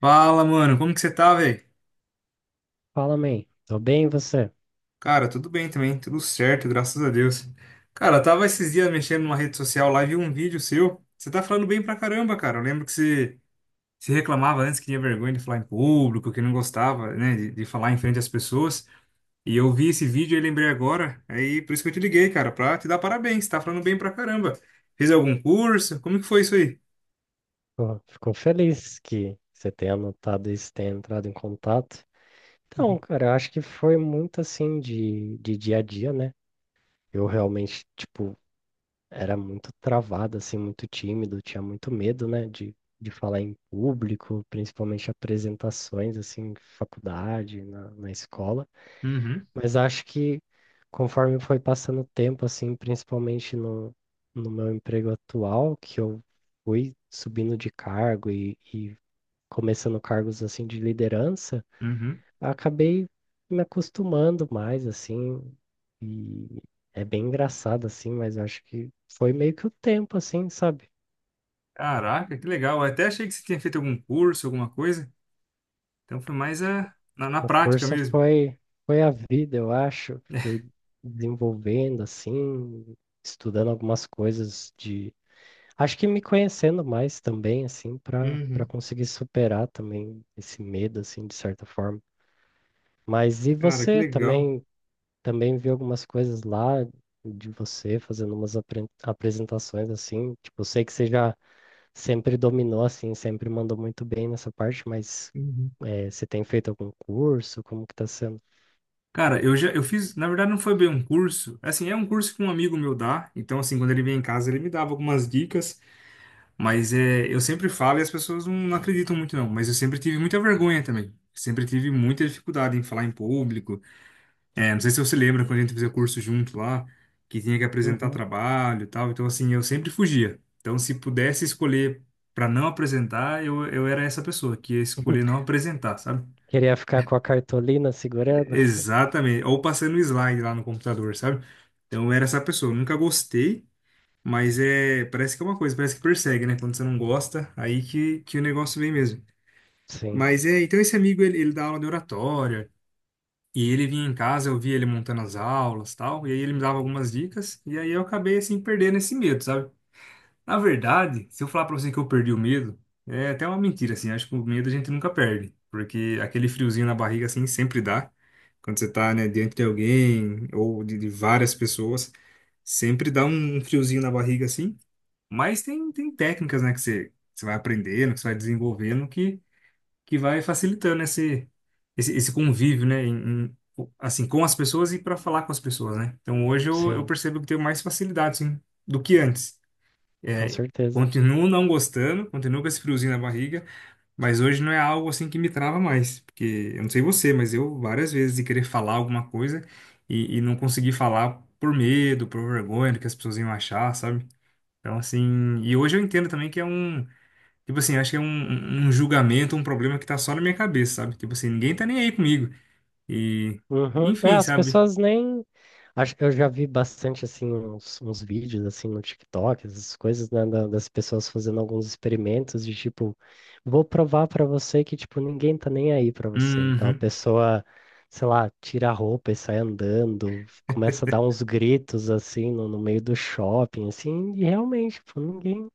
Fala, mano, como que você tá, velho? Fala, mãe. Tô bem, e você? Cara, tudo bem também, tudo certo, graças a Deus. Cara, eu tava esses dias mexendo numa rede social lá e vi um vídeo seu. Você tá falando bem pra caramba, cara. Eu lembro que você se reclamava antes que tinha vergonha de falar em público, que não gostava, né, de falar em frente às pessoas. E eu vi esse vídeo e lembrei agora, aí por isso que eu te liguei, cara, pra te dar parabéns. Você tá falando bem pra caramba. Fez algum curso? Como que foi isso aí? Pô, fico feliz que você tenha anotado isso, tenha entrado em contato. Então, cara, eu acho que foi muito assim de dia a dia, né? Eu realmente, tipo, era muito travado, assim, muito tímido, tinha muito medo, né, de falar em público, principalmente apresentações, assim, em faculdade, na escola. Uhum, Mas acho que conforme foi passando o tempo, assim, principalmente no meu emprego atual, que eu fui subindo de cargo e começando cargos assim de liderança, uhum. eu acabei me acostumando mais, assim, e é bem engraçado, assim, mas acho que foi meio que o tempo, assim, sabe? Caraca, que legal. Eu até achei que você tinha feito algum curso, alguma coisa. Então foi mais é, na O prática curso mesmo. foi, foi a vida, eu acho, fui desenvolvendo, assim, estudando algumas coisas de. Acho que me conhecendo mais também, assim, para Uhum. conseguir superar também esse medo, assim, de certa forma. Mas e Cara, que você legal. também viu algumas coisas lá de você fazendo umas apresentações assim, tipo, eu sei que você já sempre dominou assim, sempre mandou muito bem nessa parte, mas Uhum. Você tem feito algum curso? Como que tá sendo? Cara, eu fiz, na verdade não foi bem um curso. Assim, é um curso que um amigo meu dá, então assim, quando ele vem em casa, ele me dava algumas dicas, mas é, eu sempre falo e as pessoas não acreditam muito não, mas eu sempre tive muita vergonha também. Sempre tive muita dificuldade em falar em público. É, não sei se você lembra quando a gente fazia curso junto lá, que tinha que apresentar Uhum. trabalho e tal. Então, assim, eu sempre fugia. Então, se pudesse escolher para não apresentar, eu era essa pessoa que ia escolher não apresentar, sabe? Queria ficar com a cartolina segurando? Exatamente. Ou passando o slide lá no computador, sabe? Então, eu era essa pessoa. Eu nunca gostei, mas é, parece que é uma coisa, parece que persegue, né? Quando você não gosta, aí que o negócio vem mesmo. Sim, Mas é, então esse amigo, ele dá aula de oratória. E ele vinha em casa, eu via ele montando as aulas, tal, e aí ele me dava algumas dicas, e aí eu acabei assim perdendo esse medo, sabe? Na verdade, se eu falar pra você que eu perdi o medo, é até uma mentira assim, acho que o medo a gente nunca perde, porque aquele friozinho na barriga assim sempre dá. Quando você tá, né, diante de alguém ou de várias pessoas, sempre dá um friozinho na barriga assim, mas tem técnicas, né, que você vai aprendendo, que você vai desenvolvendo que vai facilitando esse, esse convívio, né? Assim, com as pessoas e para falar com as pessoas, né? Então hoje eu sim, percebo que tenho mais facilidade, sim, do que antes. com É, certeza. continuo não gostando, continuo com esse friozinho na barriga, mas hoje não é algo assim que me trava mais, porque eu não sei você, mas eu várias vezes de querer falar alguma coisa e não conseguir falar por medo, por vergonha do que as pessoas iam achar, sabe? Então, assim, e hoje eu entendo também que é um... Tipo assim, eu acho que é um, um julgamento, um problema que tá só na minha cabeça, sabe? Tipo assim, ninguém tá nem aí comigo. E, Uhum. É, enfim, as sabe? pessoas nem. Acho que eu já vi bastante assim uns, uns vídeos assim no TikTok, essas coisas, né, das pessoas fazendo alguns experimentos de tipo, vou provar pra você que tipo ninguém tá nem aí pra você. Então a Uhum. pessoa, sei lá, tira a roupa e sai andando, começa a dar uns gritos assim no meio do shopping, assim, e realmente, tipo, ninguém.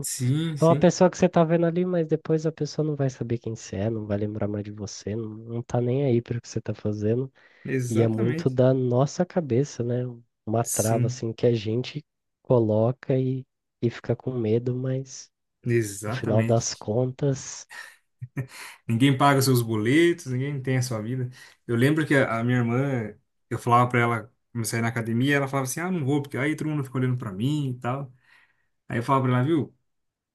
Sim, É uma sim. pessoa que você tá vendo ali, mas depois a pessoa não vai saber quem você é, não vai lembrar mais de você, não tá nem aí para o que você tá fazendo. E é muito Exatamente. da nossa cabeça, né? Uma trava Sim, assim que a gente coloca e fica com medo, mas no final das exatamente. contas, Ninguém paga seus boletos, ninguém tem a sua vida. Eu lembro que a minha irmã, eu falava pra ela, comecei a ir na academia, ela falava assim: ah, não vou, porque aí todo mundo fica olhando pra mim e tal. Aí eu falava pra ela, viu?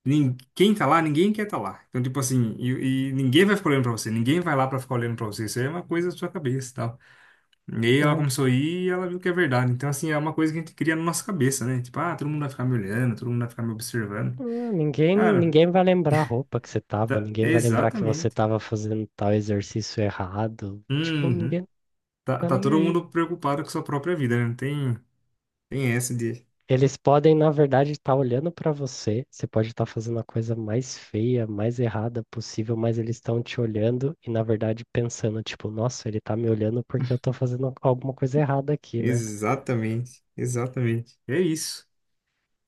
Quem tá lá, ninguém quer tá lá. Então, tipo assim, e ninguém vai ficar olhando pra você, ninguém vai lá pra ficar olhando pra você. Isso aí é uma coisa da sua cabeça e tal. E aí ela né, começou a ir e ela viu que é verdade. Então, assim, é uma coisa que a gente cria na nossa cabeça, né? Tipo, ah, todo mundo vai ficar me olhando, todo mundo vai ficar me observando. Cara, ninguém vai lembrar a roupa que você tava, tá, ninguém vai lembrar que você exatamente. tava fazendo tal exercício errado. Tipo, Uhum. ninguém Tá, tá tá nem todo aí. mundo preocupado com sua própria vida, né? Não tem, tem essa de. Eles podem, na verdade, estar olhando para você. Você pode estar fazendo a coisa mais feia, mais errada possível, mas eles estão te olhando e, na verdade, pensando, tipo, nossa, ele tá me olhando porque eu tô fazendo alguma coisa errada aqui, né? Exatamente, exatamente. É isso.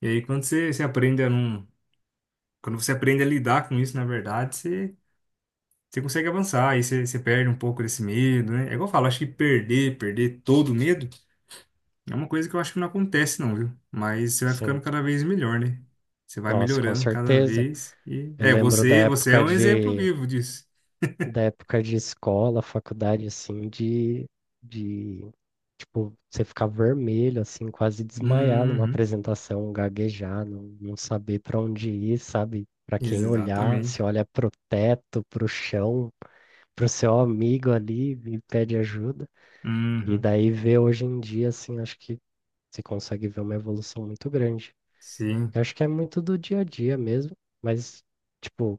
E aí, quando você aprende a não. Quando você aprende a lidar com isso, na verdade, você. Você consegue avançar, e você perde um pouco desse medo, né? É igual eu falo, acho que perder todo o medo é uma coisa que eu acho que não acontece, não, viu? Mas você vai ficando Sim. cada vez melhor, né? Você vai Nossa, com melhorando cada certeza. vez e... Eu É, lembro da você é época um exemplo de. vivo disso. Da época de escola, faculdade, assim, de, tipo, você ficar vermelho, assim, quase desmaiar numa Uhum, apresentação, gaguejar, não saber para onde ir, sabe? Para quem olhar, exatamente. se olha pro teto, pro chão, pro seu amigo ali e pede ajuda. E Uhum, daí ver hoje em dia, assim, acho que você consegue ver uma evolução muito grande. sim. Eu acho que é muito do dia a dia mesmo, mas, tipo,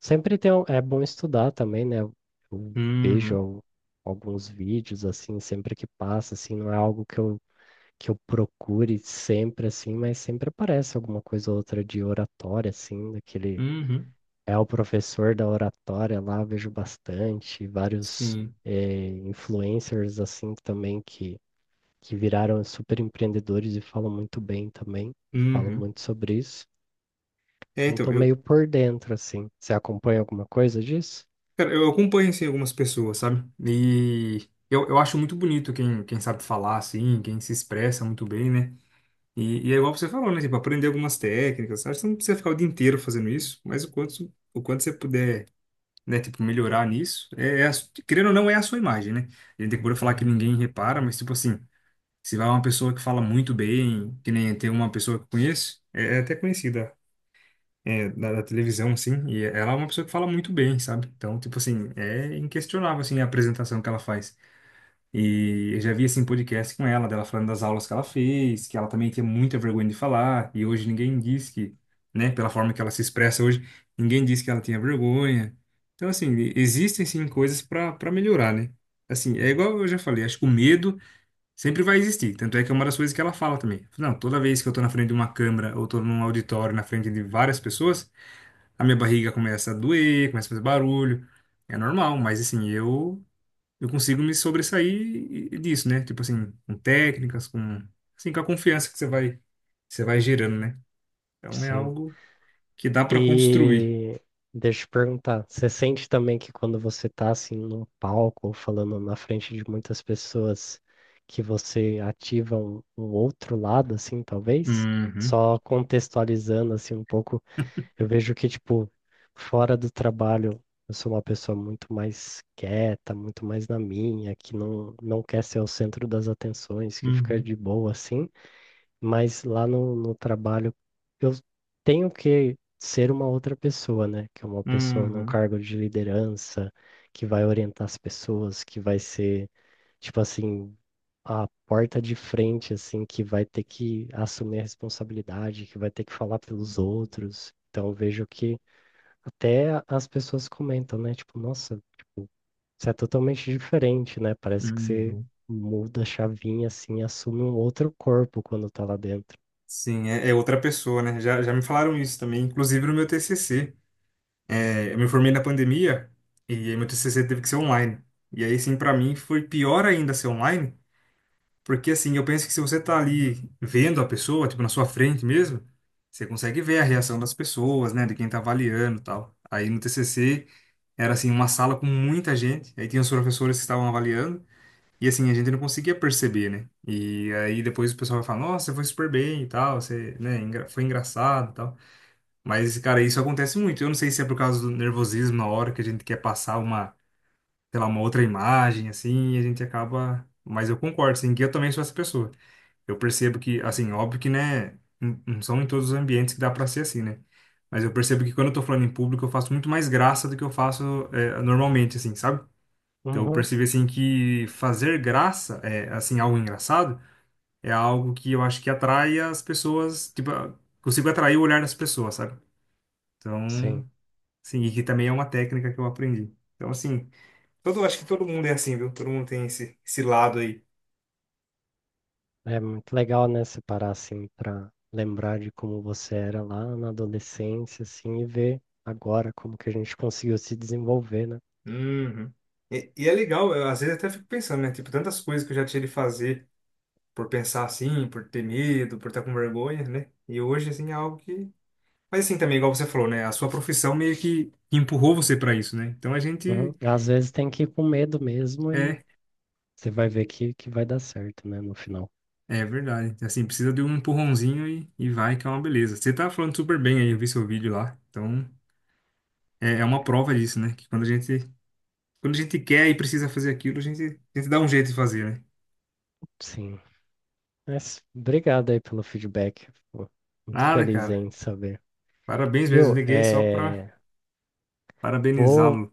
sempre tem um, é bom estudar também, né? Eu vejo Uhum, alguns vídeos assim, sempre que passa, assim, não é algo que eu procure sempre assim, mas sempre aparece alguma coisa ou outra de oratória, assim, daquele uhum, é o professor da oratória lá, vejo bastante, vários sim. Influencers assim também que viraram super empreendedores e falam muito bem também, falam Uhum. muito sobre isso. É, Então então, tô meio eu, por dentro, assim. Você acompanha alguma coisa disso? cara, eu acompanho, assim, algumas pessoas, sabe? E eu acho muito bonito quem, sabe falar, assim, quem se expressa muito bem, né? E é igual você falou, né? Tipo, aprender algumas técnicas. Sabe que você não precisa ficar o dia inteiro fazendo isso, mas o quanto você puder, né? Tipo, melhorar nisso, é, é a, querendo ou não, é a sua imagem, né? A gente procura falar que ninguém repara, mas, tipo assim, se vai uma pessoa que fala muito bem, que nem tem uma pessoa que eu conheço, é, é até conhecida, é, da televisão, assim, e ela é uma pessoa que fala muito bem, sabe? Então, tipo assim, é inquestionável, assim, a apresentação que ela faz. E eu já vi assim podcast com ela, dela falando das aulas que ela fez, que ela também tinha muita vergonha de falar, e hoje ninguém diz que, né, pela forma que ela se expressa hoje, ninguém diz que ela tinha vergonha. Então, assim, existem sim coisas para melhorar, né? Assim, é igual eu já falei, acho que o medo sempre vai existir. Tanto é que é uma das coisas que ela fala também. Não, toda vez que eu tô na frente de uma câmera ou tô num auditório na frente de várias pessoas, a minha barriga começa a doer, começa a fazer barulho. É normal, mas assim, eu consigo me sobressair disso, né? Tipo assim, com técnicas, com, assim, com a confiança que você vai gerando, né? Então é Sim. algo que dá para construir. E deixa eu te perguntar, você sente também que quando você tá assim num palco ou falando na frente de muitas pessoas que você ativa um outro lado assim, talvez? Uhum, Só contextualizando assim um pouco, eu vejo que tipo fora do trabalho eu sou uma pessoa muito mais quieta, muito mais na minha, que não quer ser o centro das atenções, que fica uhum, de boa assim, mas lá no trabalho eu tenho que ser uma outra pessoa, né? Que é uma pessoa num uhum, cargo de liderança, que vai orientar as pessoas, que vai ser, tipo assim, a porta de frente, assim, que vai ter que assumir a responsabilidade, que vai ter que falar pelos outros. Então eu vejo que até as pessoas comentam, né? Tipo, nossa, você é totalmente diferente, né? Parece que você uhum. muda a chavinha, assim, e assume um outro corpo quando tá lá dentro. Sim, é, é outra pessoa, né? Já me falaram isso também, inclusive no meu TCC. É, eu me formei na pandemia e aí meu TCC teve que ser online. E aí, sim, para mim foi pior ainda ser online, porque assim, eu penso que se você tá ali vendo a pessoa, tipo, na sua frente mesmo, você consegue ver a reação das pessoas, né, de quem tá avaliando e tal. Aí no TCC era assim, uma sala com muita gente, aí tinha os professores que estavam avaliando, e assim, a gente não conseguia perceber, né? E aí depois o pessoal vai falar, nossa, você foi super bem e tal, você, né, foi engraçado e tal. Mas, cara, isso acontece muito. Eu não sei se é por causa do nervosismo na hora que a gente quer passar uma, sei lá, uma outra imagem, assim, e a gente acaba... Mas eu concordo, assim, que eu também sou essa pessoa. Eu percebo que, assim, óbvio que, né, não são em todos os ambientes que dá para ser assim, né? Mas eu percebo que quando eu tô falando em público, eu faço muito mais graça do que eu faço é, normalmente, assim, sabe? Então eu percebi, assim, que fazer graça, é, assim, algo engraçado, é algo que eu acho que atrai as pessoas, tipo, ah, consigo atrair o olhar das pessoas, sabe? Sim, Então, sim, e que também é uma técnica que eu aprendi. Então, assim, todo, acho que todo mundo é assim, viu? Todo mundo tem esse, lado aí. é muito legal, né, separar assim para lembrar de como você era lá na adolescência, assim, e ver agora como que a gente conseguiu se desenvolver, né? Uhum. E é legal, eu, às vezes até fico pensando, né? Tipo, tantas coisas que eu já tive de fazer por pensar assim, por ter medo, por estar com vergonha, né? E hoje, assim, é algo que... Mas assim também, igual você falou, né? A sua profissão meio que empurrou você pra isso, né? Então a Uhum. gente... Às vezes tem que ir com medo mesmo e É, você vai ver que vai dar certo, né, no final. é verdade. Assim, precisa de um empurrãozinho e vai, que é uma beleza. Você tá falando super bem aí, eu vi seu vídeo lá. Então, é, é uma prova disso, né? Que quando a gente quer e precisa fazer aquilo, a gente dá um jeito de fazer, né? Sim. Mas obrigado aí pelo feedback. Fico muito Nada, feliz aí cara. em saber. Parabéns mesmo, Viu? liguei só pra. É, vou Parabenizá-lo.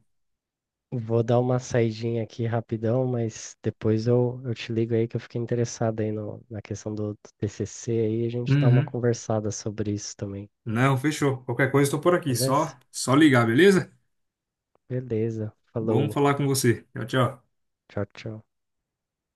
vou dar uma saidinha aqui rapidão, mas depois eu te ligo aí que eu fiquei interessado aí no, na questão do TCC aí, a gente dá uma Uhum. conversada sobre isso também, Não, fechou. Qualquer coisa, estou por aqui. beleza? Só ligar, beleza? Beleza, Bom falou, falar com você. Tchau, tchau. tchau, tchau.